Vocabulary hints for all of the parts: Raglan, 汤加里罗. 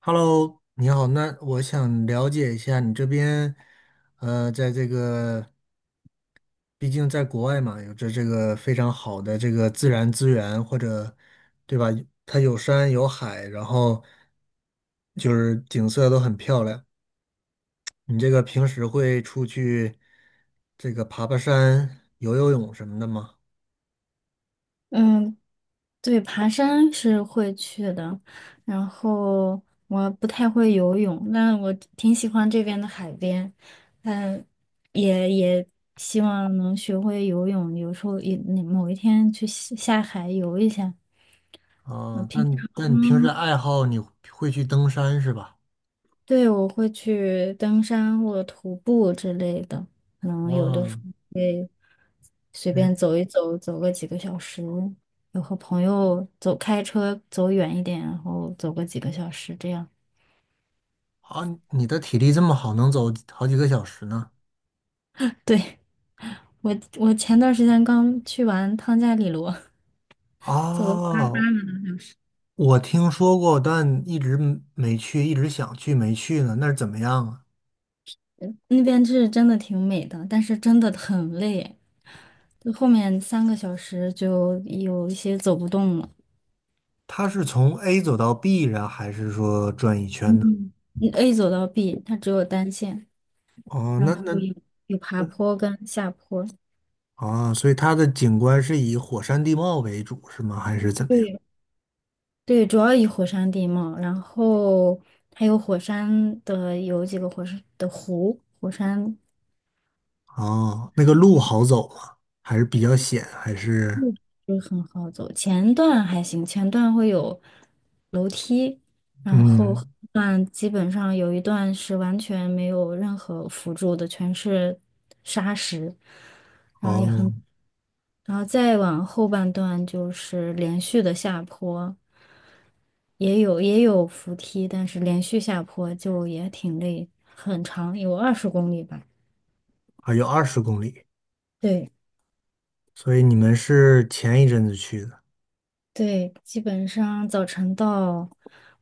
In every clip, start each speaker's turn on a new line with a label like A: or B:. A: Hello，你好，那我想了解一下你这边，在这个，毕竟在国外嘛，有着这个非常好的这个自然资源，或者，对吧？它有山有海，然后就是景色都很漂亮。你这个平时会出去这个爬爬山、游游泳什么的吗？
B: 嗯，对，爬山是会去的，然后我不太会游泳，但我挺喜欢这边的海边，嗯，也希望能学会游泳，有时候也某一天去下海游一下。我
A: 啊，
B: 平
A: 但
B: 常
A: 但你平时的爱好你会去登山是吧？
B: 对，我会去登山或者徒步之类的，可
A: 啊，
B: 能有的时
A: 哦，
B: 候会随便走一走，走个几个小时，有和朋友走，开车走远一点，然后走个几个小时这样。
A: 啊，你的体力这么好，能走好几个小时呢？
B: 对，我前段时间刚去完汤加里罗，走
A: 啊，我听说过，但一直没去，一直想去没去呢。那是怎么样啊？
B: 那边是真的挺美的，但是真的很累，就后面3个小时就有一些走不动了。
A: 它是从 A 走到 B 然后还是说转一圈呢？
B: 嗯，你 A 走到 B，它只有单线。
A: 哦，
B: 然
A: 那
B: 后
A: 那
B: 有爬坡跟下坡。
A: 啊，所以它的景观是以火山地貌为主是吗？还是怎么样？
B: 对，对，主要以火山地貌，然后还有火山的有几个火山的湖，火山。
A: 哦，那个路好走吗？还是比较险？还是
B: 就很好走。前段还行，前段会有楼梯，然后
A: 嗯，
B: 后段基本上有一段是完全没有任何辅助的，全是沙石，然后也
A: 哦，
B: 很，然后再往后半段就是连续的下坡，也有扶梯，但是连续下坡就也挺累，很长，有20公里吧。
A: 还有20公里，
B: 对。
A: 所以你们是前一阵子去的。
B: 对，基本上早晨到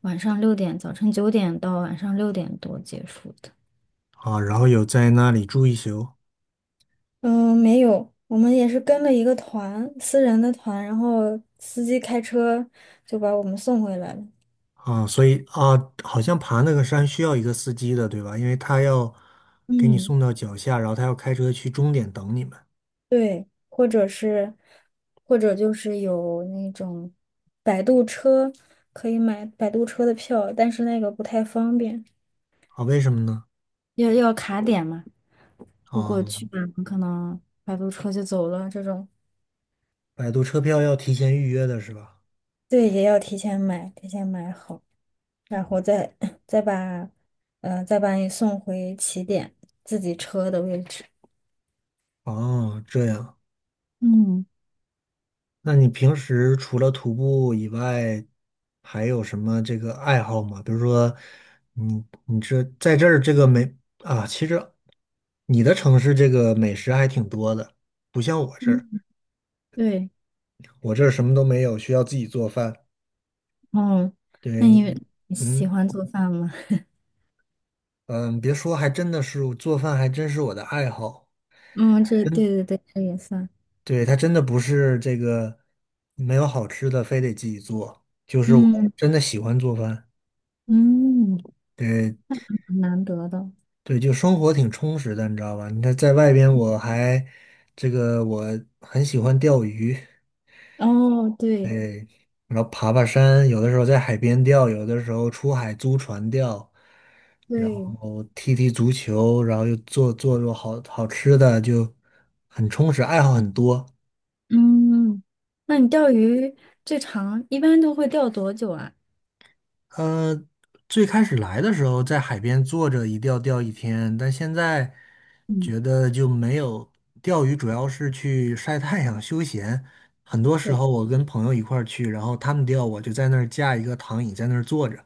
B: 晚上六点，早晨9点到晚上6点多结束的。
A: 啊，然后有在那里住一宿
B: 嗯，没有，我们也是跟了一个团，私人的团，然后司机开车就把我们送回来了。
A: 啊，所以啊，好像爬那个山需要一个司机的，对吧？因为他要给你
B: 嗯，
A: 送到脚下，然后他要开车去终点等你们
B: 对，或者是，或者就是有那种摆渡车，可以买摆渡车的票，但是那个不太方便，
A: 啊？为什么呢？
B: 要卡点嘛。如果
A: 啊，
B: 去晚了，可能摆渡车就走了这种。
A: 百度车票要提前预约的是吧？
B: 对，也要提前买，提前买好，然后再 再把，再把你送回起点自己车的位置。
A: 哦，这样，
B: 嗯
A: 那你平时除了徒步以外，还有什么这个爱好吗？比如说，你这在这儿这个美啊，其实你的城市这个美食还挺多的，不像我这
B: 嗯，
A: 儿。
B: 对，
A: 我这儿什么都没有，需要自己做饭。
B: 哦，
A: 对
B: 那你
A: 你，
B: 你喜
A: 嗯
B: 欢做饭吗？
A: 嗯，别说，还真的是做饭，还真是我的爱好。
B: 嗯，这对
A: 真，
B: 对对，这也算，
A: 对，它真的不是这个没有好吃的，非得自己做，就是我
B: 嗯
A: 真的喜欢做饭。
B: 嗯，
A: 对
B: 很难得的。
A: 对，就生活挺充实的，你知道吧？你看在外边，我还这个我很喜欢钓鱼，
B: 哦，对
A: 然后爬爬山，有的时候在海边钓，有的时候出海租船钓，然
B: 对，
A: 后踢踢足球，然后又做好好吃的，就很充实，爱好很多。
B: 嗯，那你钓鱼最长一般都会钓多久啊？
A: 呃，最开始来的时候在海边坐着一钓钓一天，但现在
B: 嗯，
A: 觉得就没有钓鱼，主要是去晒太阳休闲。很多时候
B: 对，
A: 我跟朋友一块儿去，然后他们钓，我就在那儿架一个躺椅在那儿坐着。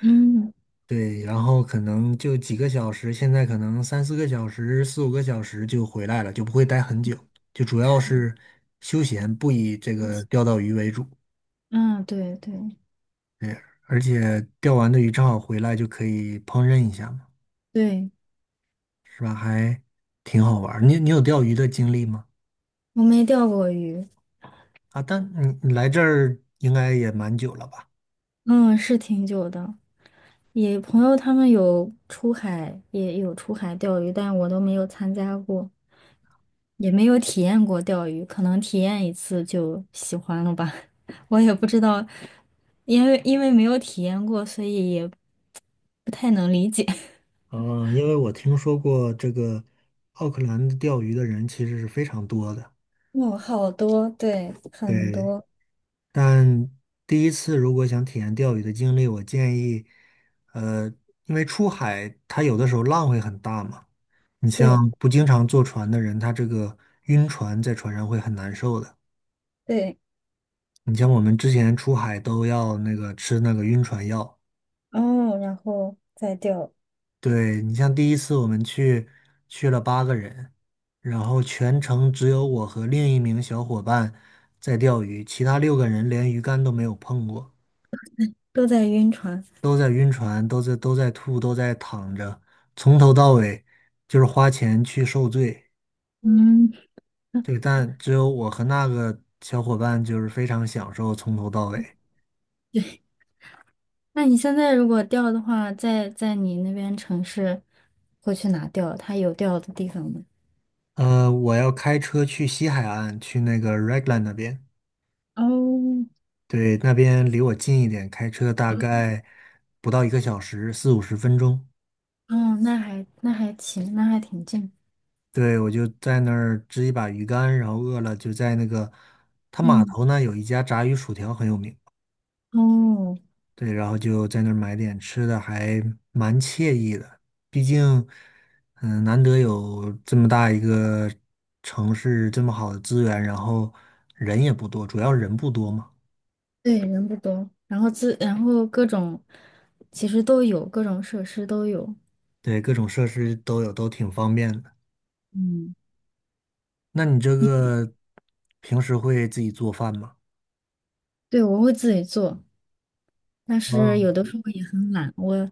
B: 嗯
A: 对，然后可能就几个小时，现在可能三四个小时、四五个小时就回来了，就不会待很久，就主要是休闲，不以这个钓到鱼为主。
B: 嗯，对对
A: 对，而且钓完的鱼正好回来就可以烹饪一下嘛，
B: 对，
A: 是吧？还挺好玩儿。你有钓鱼的经历吗？
B: 我没钓过鱼，
A: 啊，但你来这儿应该也蛮久了吧？
B: 嗯，是挺久的。也朋友他们有出海，也有出海钓鱼，但我都没有参加过，也没有体验过钓鱼，可能体验一次就喜欢了吧。我也不知道，因为没有体验过，所以也不太能理解。
A: 嗯，因为我听说过这个奥克兰的钓鱼的人其实是非常多的。
B: 哦，好多，对，很
A: 对，
B: 多，
A: 但第一次如果想体验钓鱼的经历，我建议，呃，因为出海它有的时候浪会很大嘛，你
B: 对
A: 像不经常坐船的人，他这个晕船在船上会很难受的。
B: 对，
A: 你像我们之前出海都要那个吃那个晕船药，
B: 哦，然后再钓，
A: 对，你像第一次我们去了8个人，然后全程只有我和另一名小伙伴在钓鱼，其他6个人连鱼竿都没有碰过。
B: 都在晕船。
A: 都在晕船，都在吐，都在躺着，从头到尾就是花钱去受罪。
B: 嗯。
A: 对，但只有我和那个小伙伴就是非常享受从头到尾。
B: 那你现在如果钓的话，在你那边城市会去哪钓？它有钓的地方吗？
A: 我要开车去西海岸，去那个 Raglan 那边。
B: 哦，
A: 对，那边离我近一点，开车大概不到一个小时，四五十分钟。
B: 哦，那还行，那还挺近。
A: 对，我就在那儿支一把鱼竿，然后饿了就在那个，它码
B: 嗯，
A: 头呢有一家炸鱼薯条很有名。
B: 哦，
A: 对，然后就在那儿买点吃的，还蛮惬意的。毕竟，嗯，难得有这么大一个城市，这么好的资源，然后人也不多，主要人不多嘛。
B: 对，人不多，然后然后各种其实都有，各种设施都有。
A: 对，各种设施都有，都挺方便的。
B: 嗯，
A: 那你这个平时会自己做饭吗？
B: 对，我会自己做，但是
A: 嗯，
B: 有的时候也很懒，我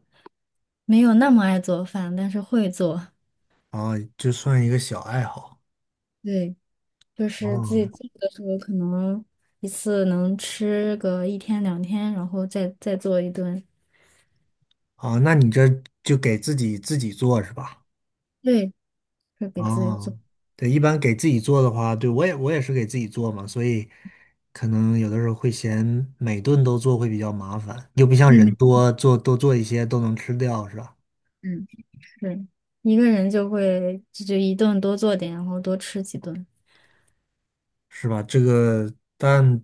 B: 没有那么爱做饭，但是会做。
A: 啊，就算一个小爱好。
B: 对。就是自己
A: 哦，
B: 做的时候，可能一次能吃个一天两天，然后再做一顿。
A: 啊，那你这就给自己做是吧？
B: 对，会给自己
A: 哦，
B: 做。
A: 对，一般给自己做的话，对，我也是给自己做嘛，所以可能有的时候会嫌每顿都做会比较麻烦，又不像
B: 妹
A: 人
B: 妹，
A: 多做一些都能吃掉，是吧？
B: 嗯，是一个人就会就一顿多做点，然后多吃几顿。
A: 是吧？这个，但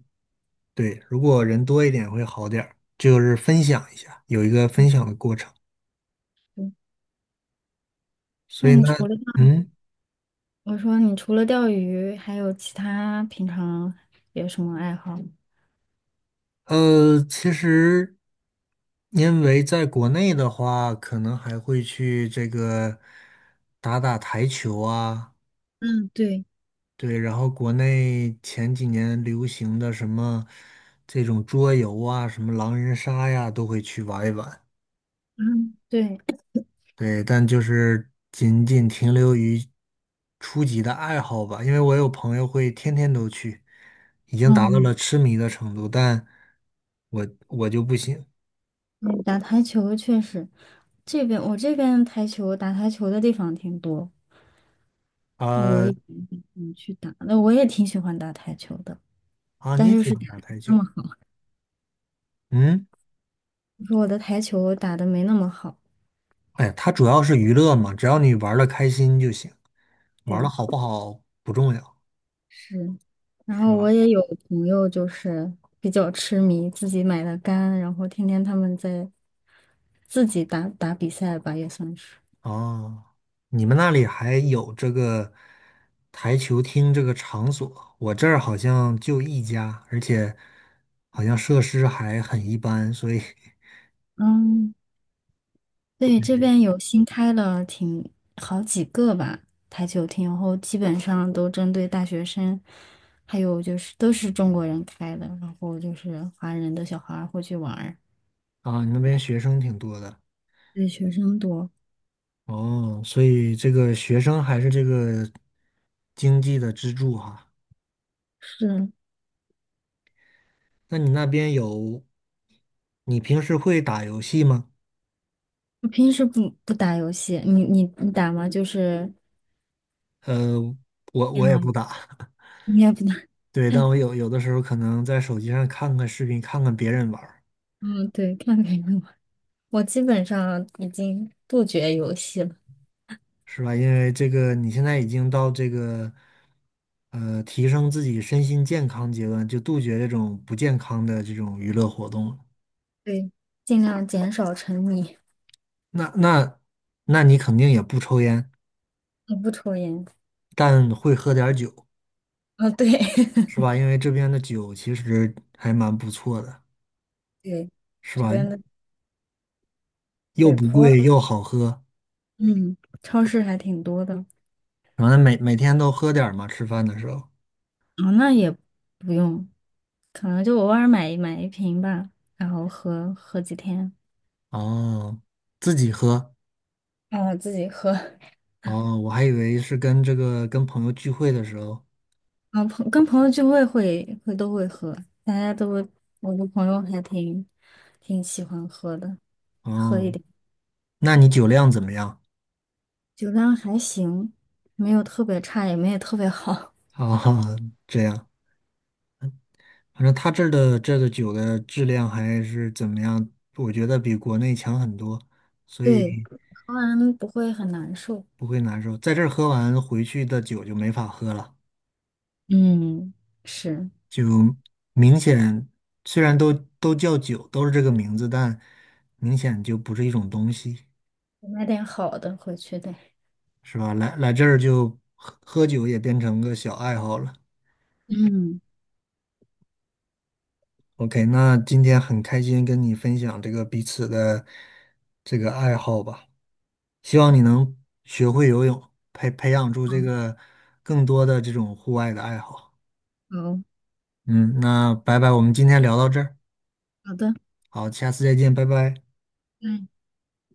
A: 对，如果人多一点会好点儿，就是分享一下，有一个分享的过程。
B: 嗯
A: 所
B: 那
A: 以呢，
B: 你除了钓
A: 嗯，
B: 我说你除了钓鱼，还有其他平常有什么爱好？
A: 其实因为在国内的话，可能还会去这个打打台球啊。
B: 嗯，对，
A: 对，然后国内前几年流行的什么这种桌游啊，什么狼人杀呀，都会去玩一玩。
B: 嗯，对，
A: 对，但就是仅仅停留于初级的爱好吧，因为我有朋友会天天都去，已经达到
B: 嗯
A: 了
B: 嗯
A: 痴迷的程度，但我就不行。
B: 对打台球确实，我这边打台球的地方挺多。我
A: 啊
B: 也去打，那我也挺喜欢打台球的，
A: 啊，
B: 但
A: 你
B: 就
A: 喜
B: 是
A: 欢
B: 打
A: 打
B: 得没
A: 台
B: 那
A: 球？
B: 么好，
A: 嗯，
B: 我说我的台球打的没那么好。
A: 哎呀它主要是娱乐嘛，只要你玩的开心就行，玩
B: 对，
A: 的好不好不重要，
B: 是。然
A: 是
B: 后我
A: 吧？
B: 也有朋友就是比较痴迷，自己买的杆，然后天天他们在自己打打比赛吧，也算是。
A: 哦，你们那里还有这个台球厅这个场所？我这儿好像就一家，而且好像设施还很一般，所以
B: 嗯。对，这边有新开了挺好几个吧台球厅，然后基本上都针对大学生，还有就是都是中国人开的，然后就是华人的小孩儿会去玩儿，
A: 啊，你那边学生挺多的。
B: 对，学生多。
A: 哦，所以这个学生还是这个经济的支柱哈。
B: 是，
A: 那你那边有，你平时会打游戏吗？
B: 我平时不打游戏，你打吗？就是
A: 呃，我
B: 电
A: 我也
B: 脑
A: 不打，
B: 你也不打？
A: 对，但我有的时候可能在手机上看看视频，看看别人玩。
B: 嗯，对，看别人玩我基本上已经杜绝游戏了，
A: 是吧？因为这个你现在已经到这个提升自己身心健康阶段，就杜绝这种不健康的这种娱乐活动了
B: 对，尽量减少沉迷，
A: 那那那你肯定也不抽烟，
B: 我不抽烟。
A: 但会喝点儿酒，
B: 哦，对，
A: 是 吧？因为这边的酒其实还蛮不错的，
B: 对。
A: 是
B: 这
A: 吧？
B: 边的
A: 又
B: 对，
A: 不
B: 普洱，
A: 贵又好喝，
B: 嗯，超市还挺多的。
A: 然后每天都喝点儿嘛，吃饭的时候。
B: 啊，那也不用，可能就偶尔买一瓶吧，然后喝喝几天。
A: 哦，自己喝。
B: 啊，自己喝。
A: 哦，我还以为是跟这个跟朋友聚会的时候。
B: 啊，跟朋友聚会都会喝，大家都会，我的朋友还挺喜欢喝的，
A: 哦，那你酒量怎么样？
B: 酒量还行，没有特别差，也没有特别好。
A: 啊，这样，反正他这儿的这个酒的质量还是怎么样，我觉得比国内强很多，所
B: 对，
A: 以
B: 喝完不会很难受。
A: 不会难受。在这儿喝完回去的酒就没法喝了，
B: 嗯，是，
A: 就明显虽然都叫酒，都是这个名字，但明显就不是一种东西，
B: 买点好的回去得。
A: 是吧？来这儿就喝喝酒也变成个小爱好了。
B: 嗯，
A: OK，那今天很开心跟你分享这个彼此的这个爱好吧。希望你能学会游泳，培养出
B: 好，
A: 这个更多的这种户外的爱好。嗯，那拜拜，我们今天聊到这儿，
B: 好的。
A: 好，下次再见，拜拜。
B: 嗯。